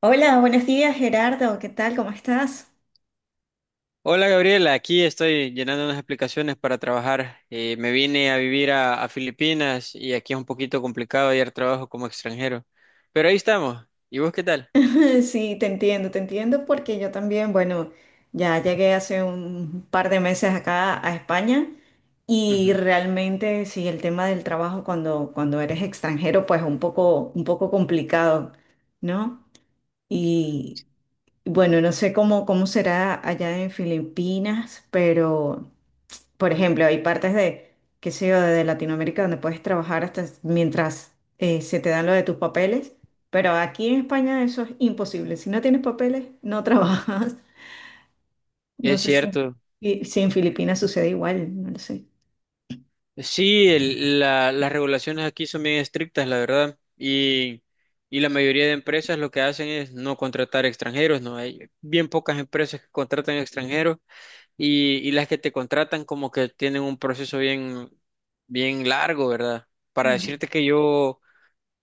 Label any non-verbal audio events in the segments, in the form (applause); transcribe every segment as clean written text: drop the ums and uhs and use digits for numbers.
Hola, buenos días Gerardo, ¿qué tal? ¿Cómo estás? Hola Gabriela, aquí estoy llenando unas aplicaciones para trabajar. Me vine a vivir a Filipinas y aquí es un poquito complicado hallar trabajo como extranjero. Pero ahí estamos. ¿Y vos qué tal? (laughs) Sí, te entiendo porque yo también, bueno, ya llegué hace un par de meses acá a España y Ujú. realmente sí, el tema del trabajo cuando eres extranjero pues un poco complicado, ¿no? Y bueno, no sé cómo será allá en Filipinas, pero... Por ejemplo, hay partes de, qué sé yo, de Latinoamérica donde puedes trabajar hasta mientras se te dan lo de tus papeles, pero aquí en España eso es imposible. Si no tienes papeles, no trabajas. (laughs) No Es sé si, cierto. Si en Filipinas sucede igual, no lo sé. Sí, las regulaciones aquí son bien estrictas, la verdad. Y la mayoría de empresas lo que hacen es no contratar extranjeros, ¿no? Hay bien pocas empresas que contratan extranjeros. Y las que te contratan como que tienen un proceso bien, bien largo, ¿verdad? Para Mm. decirte que yo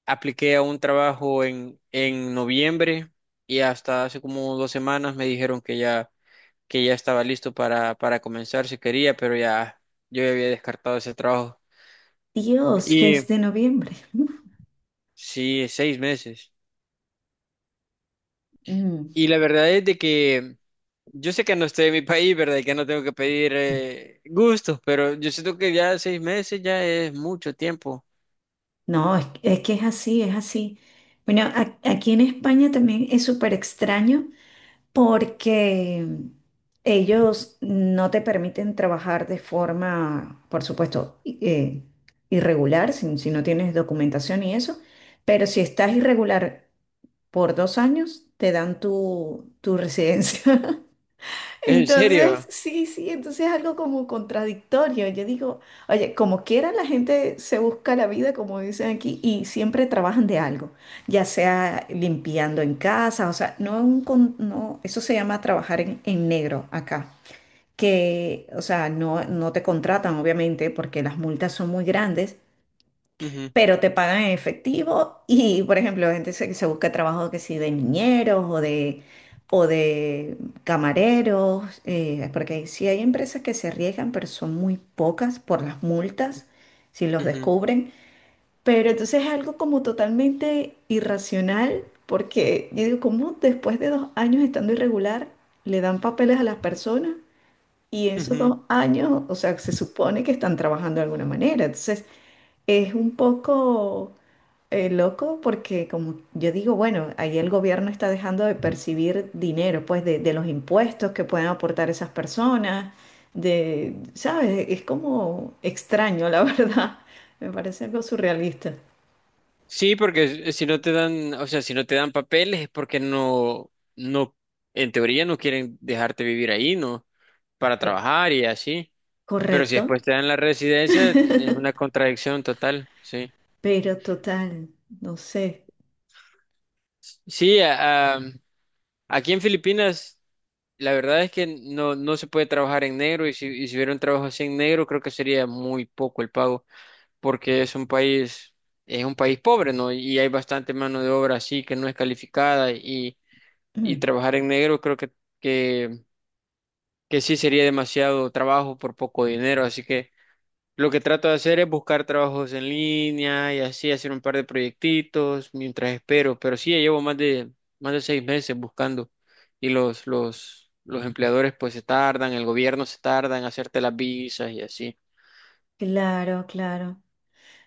apliqué a un trabajo en noviembre y hasta hace como dos semanas me dijeron que ya estaba listo para comenzar si quería, pero ya yo ya había descartado ese trabajo. Dios, Y desde noviembre. Uf. sí, seis meses. Mm. Y la verdad es de que yo sé que no estoy en mi (laughs) país, ¿verdad? Y que no tengo que pedir gustos, pero yo siento que ya seis meses ya es mucho tiempo. No, es que es así, es así. Bueno, aquí en España también es súper extraño porque ellos no te permiten trabajar de forma, por supuesto, irregular, si no tienes documentación y eso, pero si estás irregular por 2 años, te dan tu, tu residencia. (laughs) ¿En Entonces, serio? sí, sí, entonces es algo como contradictorio. Yo digo, oye, como quiera la gente se busca la vida, como dicen aquí, y siempre trabajan de algo, ya sea limpiando en casa, o sea, no, un no eso se llama trabajar en negro acá, que, o sea, no, no te contratan, obviamente, porque las multas son muy grandes, Ujú, pero te pagan en efectivo y, por ejemplo, gente se busca trabajo que sí de niñeros o de camareros, porque sí hay empresas que se arriesgan, pero son muy pocas por las multas, si los ujú, descubren. Pero entonces es algo como totalmente irracional, porque yo digo, ¿cómo después de 2 años estando irregular le dan papeles a las personas? Y esos ujú. 2 años, o sea, se supone que están trabajando de alguna manera. Entonces, es un poco loco porque como yo digo, bueno, ahí el gobierno está dejando de percibir dinero, pues de los impuestos que pueden aportar esas personas, de, ¿sabes? Es como extraño, la (laughs) verdad. Me parece algo surrealista. Sí, porque si no te dan, o sea, si no te dan papeles es porque no, en teoría no quieren dejarte vivir ahí, ¿no? Para Eh, trabajar y así. Pero si Correcto, después te dan la residencia, es una contradicción total, sí. pero total, no sé. (clears throat) Sí, aquí en Filipinas, la verdad es que no, no se puede trabajar en negro y y si hubiera un trabajo así en negro, creo que sería muy poco el pago, porque es un país pobre, ¿no? Y hay bastante mano de obra así que no es calificada y Mm, trabajar en negro creo que, que sí sería demasiado trabajo por poco dinero, así que lo que trato de hacer es buscar trabajos en línea y así hacer un par de proyectitos mientras espero, pero sí, ya llevo más de seis meses buscando y los empleadores pues se tardan, el gobierno se tarda en hacerte las visas y así. claro, claro.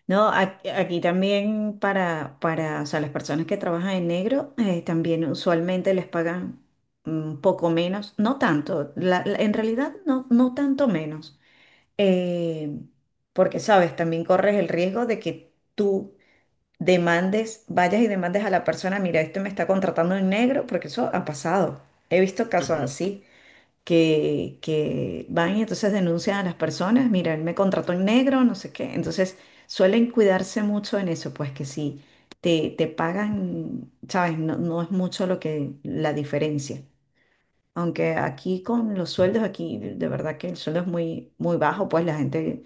No, aquí también para, o sea, las personas que trabajan en negro, también usualmente les pagan un poco menos, no tanto, en realidad no, no tanto menos, eh, porque, sabes, también corres el riesgo de que tú demandes, vayas y demandes a la persona, mira, este me está contratando en negro, porque eso ha pasado, he visto casos Ujú. así que van y entonces denuncian a las personas, mira, él me contrató en negro, no sé qué. Entonces suelen cuidarse mucho en eso, pues que si te pagan, sabes, no, no es mucho lo que la diferencia. Aunque aquí con los sueldos, aquí de verdad que el sueldo es muy, muy bajo, pues la gente,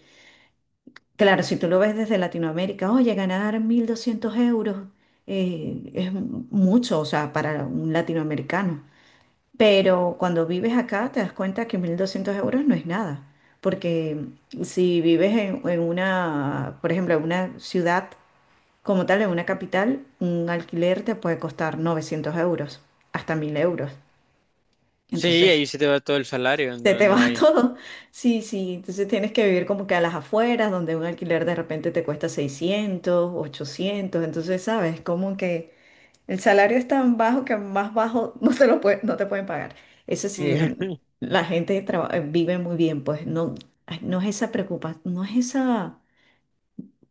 claro, si tú lo ves desde Latinoamérica, oye, ganar 1.200 euros es mucho, o sea, para un latinoamericano. Pero cuando vives acá te das cuenta que 1.200 euros no es nada, porque si vives en una, por ejemplo, en una ciudad como tal, en una capital, un alquiler te puede costar 900 euros, hasta 1.000 euros. Sí, Entonces, ahí se te va todo el salario, se no, te no va (laughs) hay. todo. Sí, sí, entonces tienes que vivir como que a las afueras, donde un alquiler de repente te cuesta 600, 800. Entonces, ¿sabes? Como que... El salario es tan bajo que más bajo (laughs) no te lo no te pueden pagar. Eso sí, es (laughs) la gente vive muy bien, pues no, ay, no es esa preocupación, no es esa,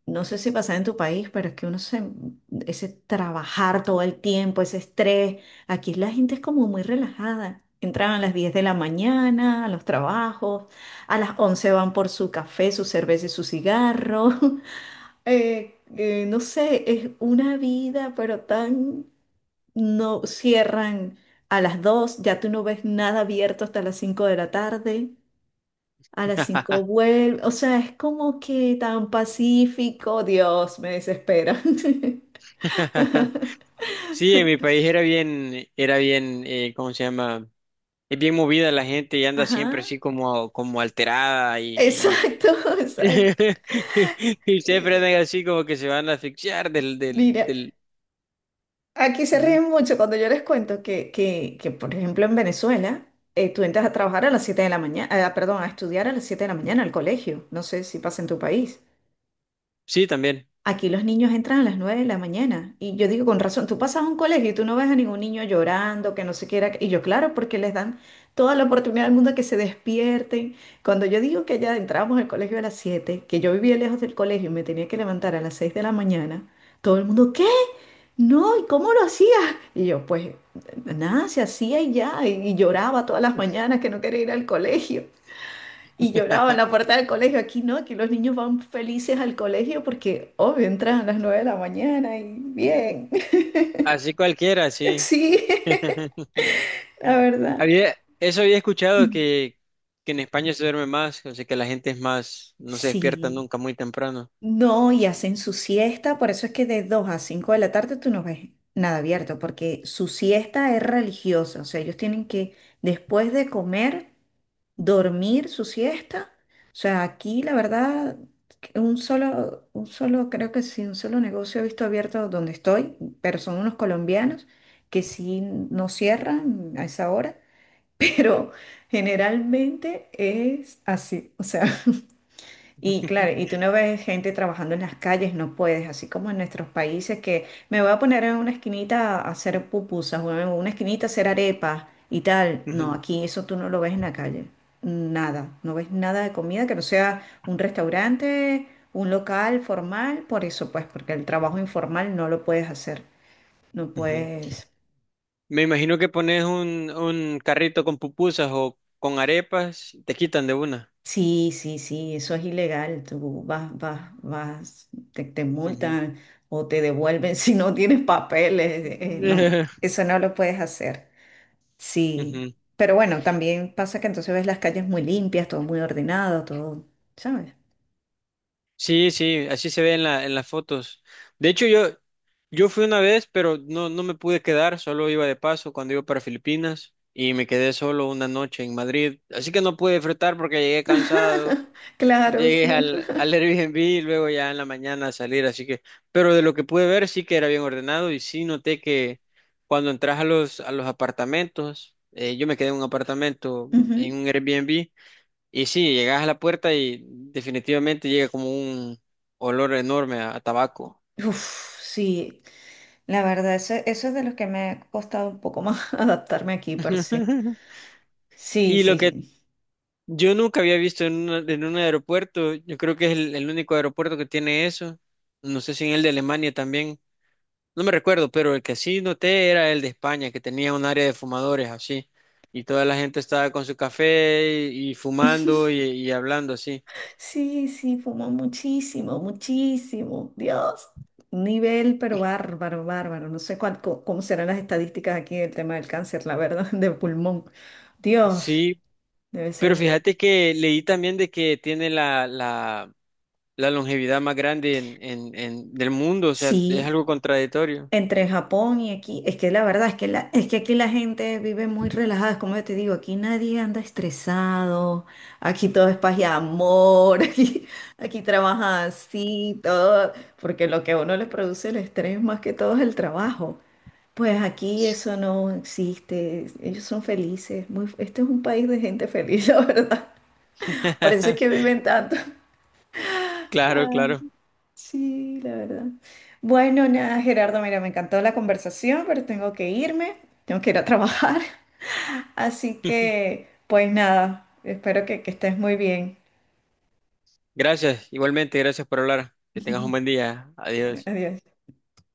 no sé si pasa en tu país, pero es que uno se, ese trabajar todo el tiempo, ese estrés, aquí la gente es como muy relajada. Entran a las 10 de la mañana a los trabajos, a las 11 van por su café, su cerveza y su cigarro. (laughs) No sé, es una vida, pero tan no cierran a las 2. Ya tú no ves nada abierto hasta las 5 de la tarde, a las 5 vuelve, o sea, es como que tan pacífico, Dios, me desespera. (laughs) Sí, en mi país era bien, ¿cómo se llama? Es bien movida la gente y anda siempre Ajá, así como, como alterada exacto, (laughs) y, exacto. (laughs) y siempre andan Y así como que se van a asfixiar mira, del... aquí se Ujú. ríen mucho cuando yo les cuento que por ejemplo, en Venezuela, tú entras a trabajar a las 7 de la mañana, perdón, a estudiar a las 7 de la mañana al colegio, no sé si pasa en tu país. Sí, también. Aquí los niños entran a las 9 de la mañana y yo digo con razón, tú pasas a un colegio y tú no ves a ningún niño llorando, que no se quiera, y yo claro, porque les dan toda la oportunidad del mundo que se despierten. Cuando yo digo que ya entrábamos al colegio a las 7, que yo vivía lejos del colegio y me tenía que levantar a las 6 de la mañana, todo el mundo, ¿qué? No, ¿y cómo lo hacías? Y yo, pues nada, se hacía y ya, y lloraba todas las mañanas que no quería ir al colegio. Y lloraba en la (laughs) puerta del colegio. Aquí no, aquí los niños van felices al colegio porque, obvio, entran a las 9 de la mañana y bien. (laughs) Así cualquiera, sí. Sí, (laughs) (laughs) la verdad. Había, eso había escuchado que en España se duerme más, o sea que la gente es más, no se despierta Sí. nunca muy temprano. No, y hacen su siesta, por eso es que de 2 a 5 de la tarde tú no ves nada abierto, porque su siesta es religiosa, o sea, ellos tienen que, después de comer, dormir su siesta. O sea, aquí la verdad, que un solo, creo que sí, un solo negocio he visto abierto donde estoy, pero son unos colombianos que sí no cierran a esa hora, (laughs) pero generalmente es así, o sea. Y claro, y (laughs) tú no ves gente trabajando en las calles, no puedes, así como en nuestros países que me voy a poner en una esquinita a hacer pupusas o en una esquinita a hacer arepas y tal. No, Ujú, aquí eso tú no lo ves en la calle, nada, no ves nada de comida que no sea un restaurante, un local formal, por eso pues, porque el trabajo informal no lo puedes hacer, no ujú. puedes. Me imagino que pones un carrito con pupusas o con arepas, te quitan de una. Sí, sí, sí, eso es ilegal. Tú vas, vas, vas, te Ujú. multan o te devuelven (laughs) si no tienes papeles. No, (laughs) eso no lo puedes hacer. Sí, Ujú. pero bueno, también pasa que entonces ves las calles muy limpias, todo muy ordenado, todo, ¿sabes? Sí, sí, así se ve en la, en las fotos. De hecho, yo fui una vez, pero no, no me pude quedar, solo iba de paso cuando iba para Filipinas y me quedé solo una noche en Madrid. Así que no pude disfrutar porque llegué cansado. Claro, Llegué claro. al, al Airbnb y luego ya en la mañana a salir, así que, pero de lo que pude ver sí que era bien ordenado y sí noté que cuando entras a los apartamentos, yo me quedé en un apartamento, (laughs) en Ujú. un Airbnb, y sí, llegas a la puerta y definitivamente llega como un olor enorme a tabaco. Uf, sí, la verdad, eso es de los que me ha costado un poco más (laughs) adaptarme aquí, pero sí. (laughs) Sí, Y lo sí, que sí. yo nunca había visto en un aeropuerto, yo creo que es el único aeropuerto que tiene eso, no sé si en el de Alemania también. No me recuerdo, pero el que sí noté era el de España, que tenía un área de fumadores así, y toda la gente estaba con su café y fumando y hablando así. Sí, sí, fumó muchísimo, muchísimo. Dios, un nivel, pero bárbaro, bárbaro. No sé cómo serán las estadísticas aquí del tema del cáncer, la verdad, (laughs) de pulmón. Dios, Sí, debe ser pero muy... fíjate que leí también de que tiene la, la, la longevidad más grande del mundo, o sea, es Sí, algo contradictorio. entre Japón y aquí, es que la verdad es que, es que aquí la gente vive muy relajada, es como yo te digo, aquí nadie anda estresado, aquí todo es paz y amor, (laughs) aquí, aquí trabaja así, todo, porque lo que a uno le produce el estrés más que todo es el trabajo. Pues aquí eso no existe. Ellos son felices. Muy, este es un país de gente feliz, (laughs) la verdad. Por eso es que (laughs) viven tanto. Claro, Ah, claro. sí, la verdad. Bueno, nada, Gerardo, mira, me encantó la conversación, pero tengo que irme. Tengo que ir a trabajar. (laughs) Así que, pues nada, espero que estés muy bien. Gracias, igualmente, gracias por hablar. Que tengas un buen día. Adiós. Adiós.